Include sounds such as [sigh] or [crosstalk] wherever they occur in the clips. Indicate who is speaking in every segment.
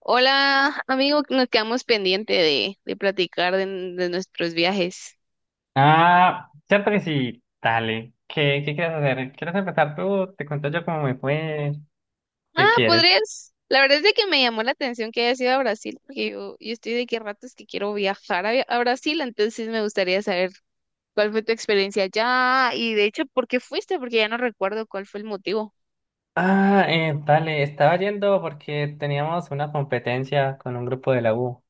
Speaker 1: Hola, amigo, nos quedamos pendiente de platicar de nuestros viajes.
Speaker 2: Ah, cierto que sí. Dale. ¿Qué quieres hacer? ¿Quieres empezar tú? Te cuento yo cómo me fue.
Speaker 1: Ah,
Speaker 2: ¿Qué quieres?
Speaker 1: podrías. La verdad es de que me llamó la atención que hayas ido a Brasil, porque yo estoy de que ratos que quiero viajar a Brasil, entonces me gustaría saber cuál fue tu experiencia allá y de hecho, ¿por qué fuiste? Porque ya no recuerdo cuál fue el motivo.
Speaker 2: Ah, dale. Estaba yendo porque teníamos una competencia con un grupo de la U.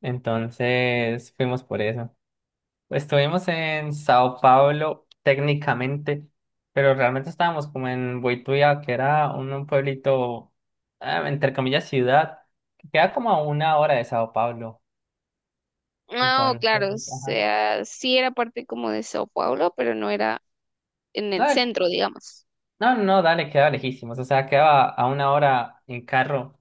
Speaker 2: Entonces fuimos por eso. Estuvimos en Sao Paulo técnicamente, pero realmente estábamos como en Boituva, que era un pueblito, ah, entre comillas, ciudad, que queda como a una hora de Sao Paulo.
Speaker 1: No,
Speaker 2: Entonces,
Speaker 1: claro, o
Speaker 2: ajá.
Speaker 1: sea, sí era parte como de Sao Paulo, pero no era en el
Speaker 2: No,
Speaker 1: centro, digamos.
Speaker 2: no, no, no, dale, quedaba lejísimos. O sea, quedaba a una hora en carro,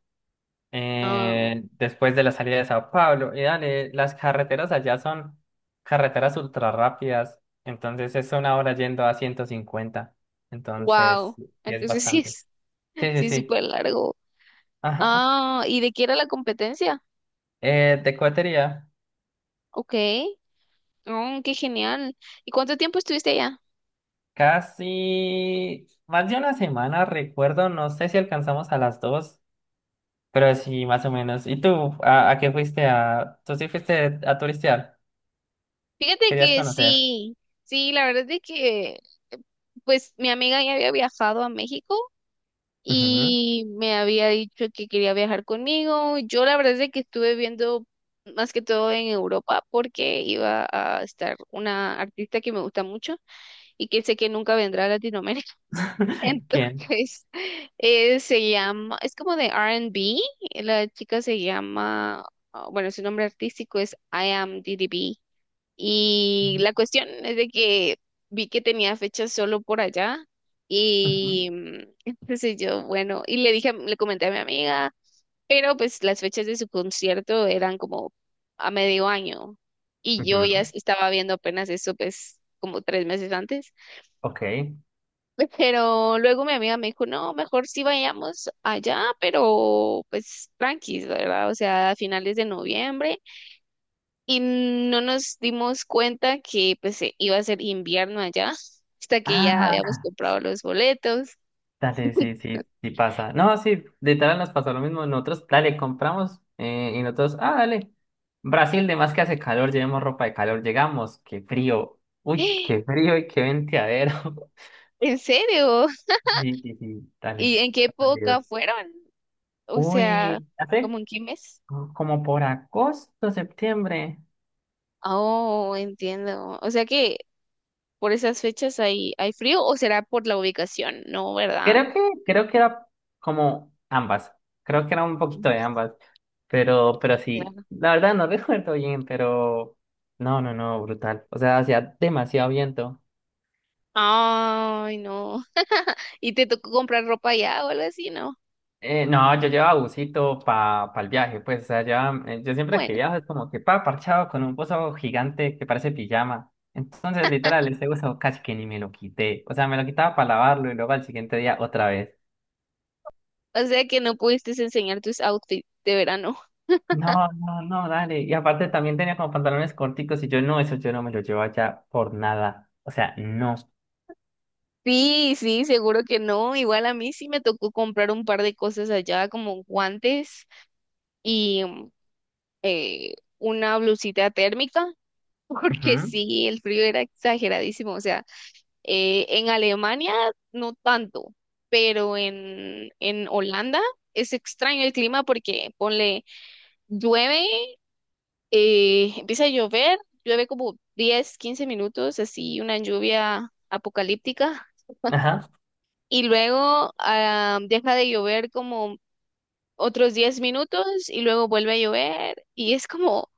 Speaker 1: Ah,
Speaker 2: después de la salida de Sao Paulo. Y dale, las carreteras allá son carreteras ultra rápidas. Entonces es una hora yendo a 150. Entonces,
Speaker 1: wow.
Speaker 2: y es
Speaker 1: Entonces [laughs]
Speaker 2: bastante. Sí, sí,
Speaker 1: sí es
Speaker 2: sí.
Speaker 1: súper largo.
Speaker 2: [laughs] Ajá.
Speaker 1: Ah, ¿y de qué era la competencia?
Speaker 2: De cohetería.
Speaker 1: Ok. Oh, qué genial. ¿Y cuánto tiempo estuviste allá?
Speaker 2: Casi más de una semana, recuerdo. No sé si alcanzamos a las dos, pero sí, más o menos. ¿Y tú? ¿A qué fuiste? ¿Tú sí fuiste a turistear?
Speaker 1: Fíjate
Speaker 2: Querías
Speaker 1: que
Speaker 2: conocer.
Speaker 1: sí, sí, la verdad es de que pues mi amiga ya había viajado a México
Speaker 2: Ujú.
Speaker 1: y me había dicho que quería viajar conmigo. Yo la verdad es de que estuve viendo más que todo en Europa porque iba a estar una artista que me gusta mucho y que sé que nunca vendrá a Latinoamérica.
Speaker 2: [laughs] ¿Quién?
Speaker 1: Entonces, [laughs] se llama, es como de R y B. La chica se llama, ah, bueno, su nombre artístico es I Am DDB, y la cuestión es de que vi que tenía fechas solo por allá
Speaker 2: Ujú.
Speaker 1: y [laughs] entonces yo, bueno, y le dije, le comenté a mi amiga, pero pues las fechas de su concierto eran como a medio año y yo ya
Speaker 2: Ujú.
Speaker 1: estaba viendo apenas eso pues como 3 meses antes.
Speaker 2: Ok.
Speaker 1: [laughs] Pero luego mi amiga me dijo, no, mejor sí vayamos allá, pero pues tranquis, ¿verdad? O sea, a finales de noviembre. Y no nos dimos cuenta que pues iba a ser invierno allá, hasta que ya
Speaker 2: Ah,
Speaker 1: habíamos comprado los boletos.
Speaker 2: dale, sí,
Speaker 1: [laughs]
Speaker 2: sí, sí pasa. No, sí, literal nos pasó lo mismo. Nosotros, dale, compramos, y nosotros, ah, dale. Brasil, de más que hace calor, llevemos ropa de calor, llegamos, qué frío. Uy, qué frío y qué venteadero. [laughs]
Speaker 1: ¿En serio?
Speaker 2: Sí, sí, sí,
Speaker 1: ¿Y
Speaker 2: dale.
Speaker 1: en qué
Speaker 2: Está perdido.
Speaker 1: época fueron? O sea,
Speaker 2: Uy,
Speaker 1: ¿como
Speaker 2: hace
Speaker 1: en qué mes?
Speaker 2: como por agosto, septiembre.
Speaker 1: Oh, entiendo. O sea que por esas fechas hay frío o será por la ubicación, ¿no? ¿Verdad?
Speaker 2: Creo que, creo que era como ambas. Creo que era un poquito
Speaker 1: Mm,
Speaker 2: de ambas. Pero sí,
Speaker 1: claro.
Speaker 2: la verdad no [laughs] recuerdo bien, pero no, no, no, brutal. O sea, hacía demasiado viento.
Speaker 1: Ay, no. ¿Y te tocó comprar ropa allá o algo así? No.
Speaker 2: No, yo llevaba busito para el viaje, pues. O sea, yo siempre que
Speaker 1: Bueno,
Speaker 2: viajo es como que parchado con un buzo gigante que parece pijama. Entonces, literal, ese buzo casi que ni me lo quité. O sea, me lo quitaba para lavarlo y luego al siguiente día otra vez.
Speaker 1: o sea que no pudiste enseñar tus outfits de verano. [laughs]
Speaker 2: No, no, no, dale. Y aparte también tenía como pantalones corticos y yo no, eso yo no me lo llevo allá por nada. O sea, no.
Speaker 1: Sí, sí, seguro que no. Igual a mí sí me tocó comprar un par de cosas allá, como guantes y una blusita térmica, [laughs] porque
Speaker 2: Ujú.
Speaker 1: sí, el frío era exageradísimo. O sea, en Alemania no tanto, pero en Holanda es extraño el clima porque ponle llueve. Empieza a llover, llueve como 10, 15 minutos, así una lluvia apocalíptica.
Speaker 2: Ajá.
Speaker 1: Y luego deja de llover como otros 10 minutos y luego vuelve a llover. Y es como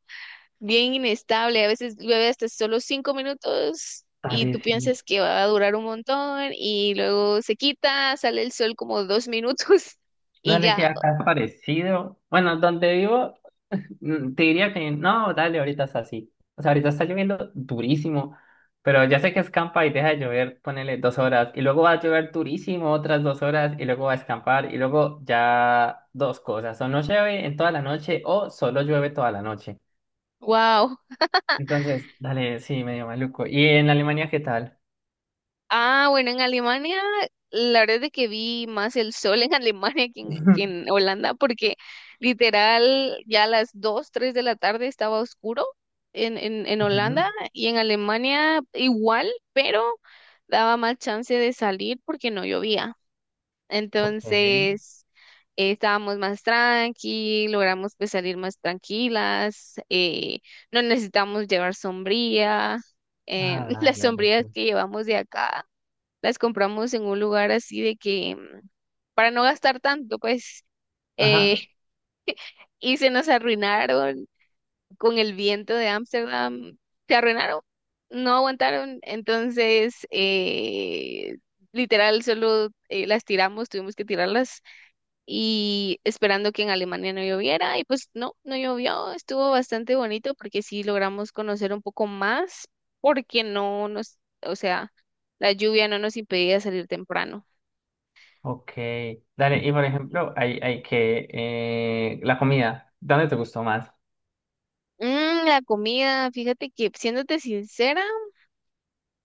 Speaker 1: bien inestable. A veces llueve hasta solo 5 minutos y tú
Speaker 2: Dale, sí.
Speaker 1: piensas que va a durar un montón y luego se quita, sale el sol como 2 minutos [laughs] y
Speaker 2: Dale, sí,
Speaker 1: ya.
Speaker 2: acá es parecido. Bueno, donde vivo, [laughs] te diría que no, dale, ahorita es así. O sea, ahorita está lloviendo durísimo, pero ya sé que escampa y deja de llover, ponele dos horas, y luego va a llover durísimo otras dos horas, y luego va a escampar, y luego ya dos cosas, o no llueve en toda la noche, o solo llueve toda la noche.
Speaker 1: ¡Wow!
Speaker 2: Entonces, dale, sí, medio maluco. ¿Y en Alemania qué tal?
Speaker 1: Ah, bueno, en Alemania, la verdad es que vi más el sol en [laughs] Alemania que
Speaker 2: [laughs]
Speaker 1: en Holanda, porque literal ya a las 2, 3 de la tarde estaba oscuro en, en Holanda
Speaker 2: Ujú.
Speaker 1: y en Alemania igual, pero daba más chance de salir porque no llovía.
Speaker 2: Ok.
Speaker 1: Entonces, estábamos más tranqui, logramos pues salir más tranquilas, no necesitamos llevar sombría,
Speaker 2: Ah,
Speaker 1: [laughs]
Speaker 2: dale,
Speaker 1: las
Speaker 2: dale.
Speaker 1: sombrías
Speaker 2: Sí.
Speaker 1: que llevamos de acá las compramos en un lugar así de que para no gastar tanto, pues,
Speaker 2: Ajá,
Speaker 1: eh, [laughs] y se nos arruinaron con el viento de Ámsterdam, se arruinaron, no aguantaron, entonces, literal, solo las tiramos, tuvimos que tirarlas y esperando que en Alemania no lloviera, y pues no, no llovió, estuvo bastante bonito porque sí logramos conocer un poco más, porque no nos, o sea, la lluvia no nos impedía salir temprano.
Speaker 2: ok. Dale, y por ejemplo, hay la comida, ¿dónde te gustó más?
Speaker 1: La comida, fíjate que, siéndote sincera,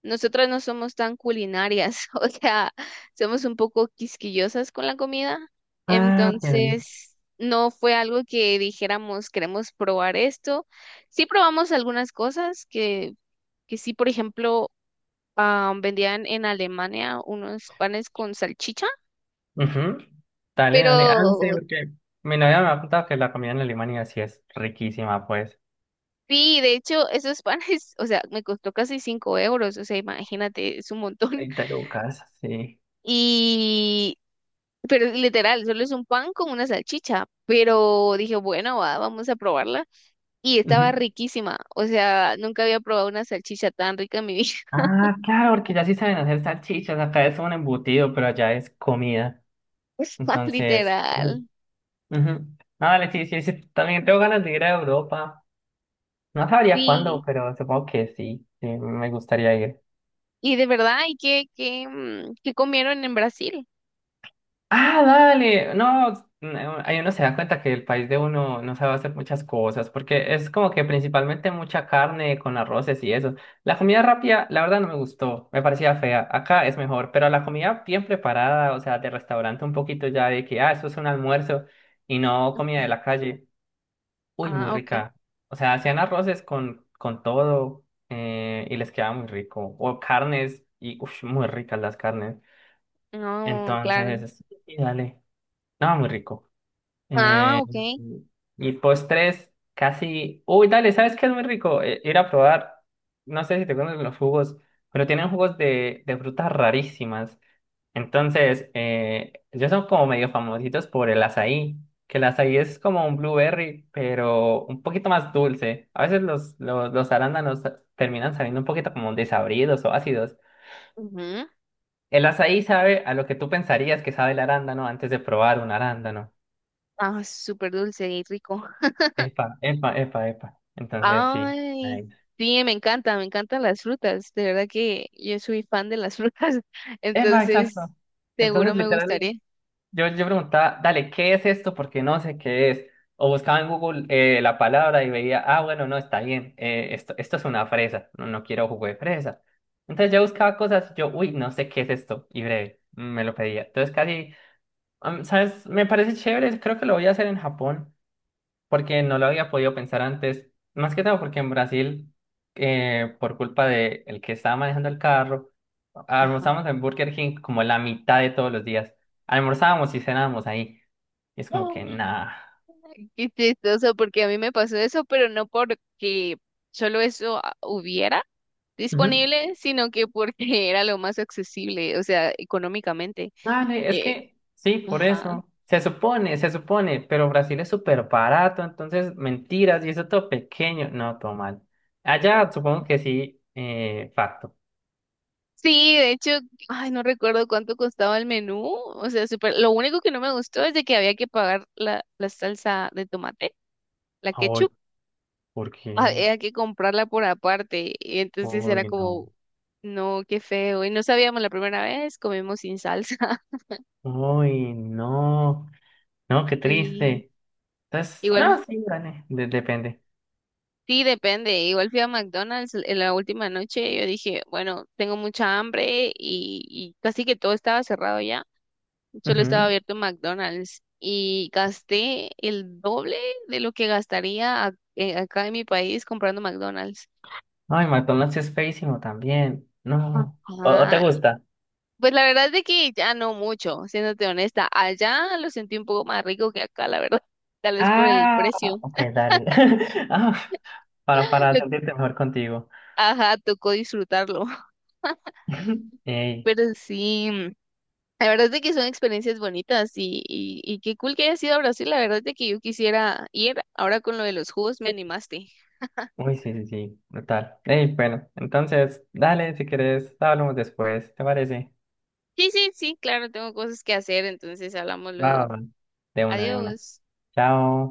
Speaker 1: nosotras no somos tan culinarias, [laughs] o sea, somos un poco quisquillosas con la comida,
Speaker 2: Ah, pero-
Speaker 1: entonces no fue algo que dijéramos queremos probar esto. Sí probamos algunas cosas que sí, por ejemplo, vendían en Alemania unos panes con salchicha,
Speaker 2: Ujú. Dale, dale. Ah, no sé,
Speaker 1: pero
Speaker 2: porque mi novia me ha contado que la comida en Alemania sí es riquísima, pues.
Speaker 1: sí, de hecho, esos panes, [laughs] o sea, me costó casi cinco euros, o sea, imagínate, es un montón.
Speaker 2: 20 lucas, sí.
Speaker 1: Y Pero literal, solo es un pan con una salchicha. Pero dije, bueno, vamos a probarla. Y estaba
Speaker 2: Ujú.
Speaker 1: riquísima. O sea, nunca había probado una salchicha tan rica en mi vida.
Speaker 2: Ah, claro, porque ya sí saben hacer salchichas. Acá es un embutido, pero allá es comida.
Speaker 1: [laughs]
Speaker 2: Entonces. Uy.
Speaker 1: Literal.
Speaker 2: Ujú. Ah, vale, sí, sí, sí. También tengo ganas de ir a Europa. No sabría cuándo,
Speaker 1: Sí.
Speaker 2: pero supongo que sí, sí, me gustaría ir.
Speaker 1: Y de verdad, ¿y qué comieron en Brasil?
Speaker 2: Ah, dale. No, no, ahí uno se da cuenta que el país de uno no sabe hacer muchas cosas, porque es como que principalmente mucha carne con arroces y eso. La comida rápida, la verdad, no me gustó. Me parecía fea. Acá es mejor, pero la comida bien preparada, o sea, de restaurante un poquito ya de que, ah, eso es un almuerzo y no comida de la calle. Uy, muy
Speaker 1: Ah, ok.
Speaker 2: rica. O sea, hacían arroces con todo, y les quedaba muy rico. O carnes, y uff, muy ricas las carnes.
Speaker 1: No, claro.
Speaker 2: Entonces, y dale. No, muy rico. Eh,
Speaker 1: Ah, ok.
Speaker 2: y postres, casi. Uy, dale, ¿sabes qué es muy rico? Ir a probar. No sé si te conocen los jugos, pero tienen jugos de frutas rarísimas. Entonces, ellos son como medio famositos por el azaí, que el azaí es como un blueberry, pero un poquito más dulce. A veces los arándanos terminan saliendo un poquito como desabridos o ácidos.
Speaker 1: Ujú.
Speaker 2: El azaí sabe a lo que tú pensarías que sabe el arándano antes de probar un arándano.
Speaker 1: Ah, súper dulce y rico.
Speaker 2: Epa, epa, epa, epa. Entonces, sí.
Speaker 1: Ay,
Speaker 2: Nice.
Speaker 1: sí, me encantan las frutas. De verdad que yo soy fan de las frutas, [laughs]
Speaker 2: Epa,
Speaker 1: entonces
Speaker 2: exacto.
Speaker 1: seguro
Speaker 2: Entonces,
Speaker 1: me
Speaker 2: literal,
Speaker 1: gustaría.
Speaker 2: yo preguntaba, dale, ¿qué es esto? Porque no sé qué es. O buscaba en Google, la palabra y veía, ah, bueno, no, está bien, esto es una fresa, no, no quiero jugo de fresa. Entonces yo buscaba cosas, yo, uy, no sé qué es esto, y breve, me lo pedía. Entonces casi, ¿sabes? Me parece chévere, creo que lo voy a hacer en Japón porque no lo había podido pensar antes, más que todo porque en Brasil, por culpa de el que estaba manejando el carro,
Speaker 1: Ajá.
Speaker 2: almorzábamos en Burger King como la mitad de todos los días. Almorzábamos y cenábamos ahí. Y es como que
Speaker 1: Ay,
Speaker 2: nada.
Speaker 1: qué chistoso, porque a mí me pasó eso, pero no porque solo eso hubiera
Speaker 2: Ujú.
Speaker 1: disponible, sino que porque [laughs] era lo más accesible, o sea, económicamente.
Speaker 2: Dale, es
Speaker 1: Eh,
Speaker 2: que sí, por
Speaker 1: ajá.
Speaker 2: eso. Se supone, pero Brasil es súper barato, entonces mentiras y eso todo pequeño. No, todo mal. Allá supongo que sí, facto.
Speaker 1: Sí, de hecho, ay, no recuerdo cuánto costaba el menú, o sea, súper, lo único que no me gustó es de que había que pagar la salsa de tomate. La
Speaker 2: Ay,
Speaker 1: ketchup
Speaker 2: ¿por
Speaker 1: [laughs]
Speaker 2: qué?
Speaker 1: había que comprarla por aparte. Y entonces era
Speaker 2: Uy, no.
Speaker 1: como, no, qué feo. Y no sabíamos la primera vez, comimos sin salsa. [laughs]
Speaker 2: Uy, no. No, qué
Speaker 1: Sí,
Speaker 2: triste. Entonces, no,
Speaker 1: igual,
Speaker 2: sí, gané. Depende.
Speaker 1: sí, depende. Igual fui a McDonald's en la última noche. Yo dije, bueno, tengo mucha hambre y casi que todo estaba cerrado ya. Solo estaba
Speaker 2: Ujú.
Speaker 1: abierto McDonald's. Y gasté el doble de lo que gastaría acá en mi país comprando McDonald's.
Speaker 2: Ay, McDonald's es feísimo también. No. ¿O te
Speaker 1: ah
Speaker 2: gusta?
Speaker 1: Pues la verdad es de que ya no mucho, siéndote honesta. Allá lo sentí un poco más rico que acá, la verdad. [laughs] Tal vez por el
Speaker 2: Ah,
Speaker 1: precio.
Speaker 2: ok, dale. [laughs] Ah, para,
Speaker 1: [laughs]
Speaker 2: para
Speaker 1: Le-
Speaker 2: sentirte mejor contigo.
Speaker 1: Ajá, tocó disfrutarlo. [laughs]
Speaker 2: [laughs] Ey.
Speaker 1: Pero sí, la verdad es de que son experiencias bonitas y qué cool que hayas ido a Brasil. La verdad es de que yo quisiera ir. Ahora con lo de los jugos me animaste. [laughs]
Speaker 2: Uy, sí, sí, sí. Brutal. Ey, bueno. Entonces, dale, si quieres, hablamos después. ¿Te parece?
Speaker 1: Sí, sí, sí, claro, tengo cosas que hacer, entonces hablamos
Speaker 2: Va, va,
Speaker 1: luego.
Speaker 2: va. De una, de una.
Speaker 1: Adiós.
Speaker 2: Chao.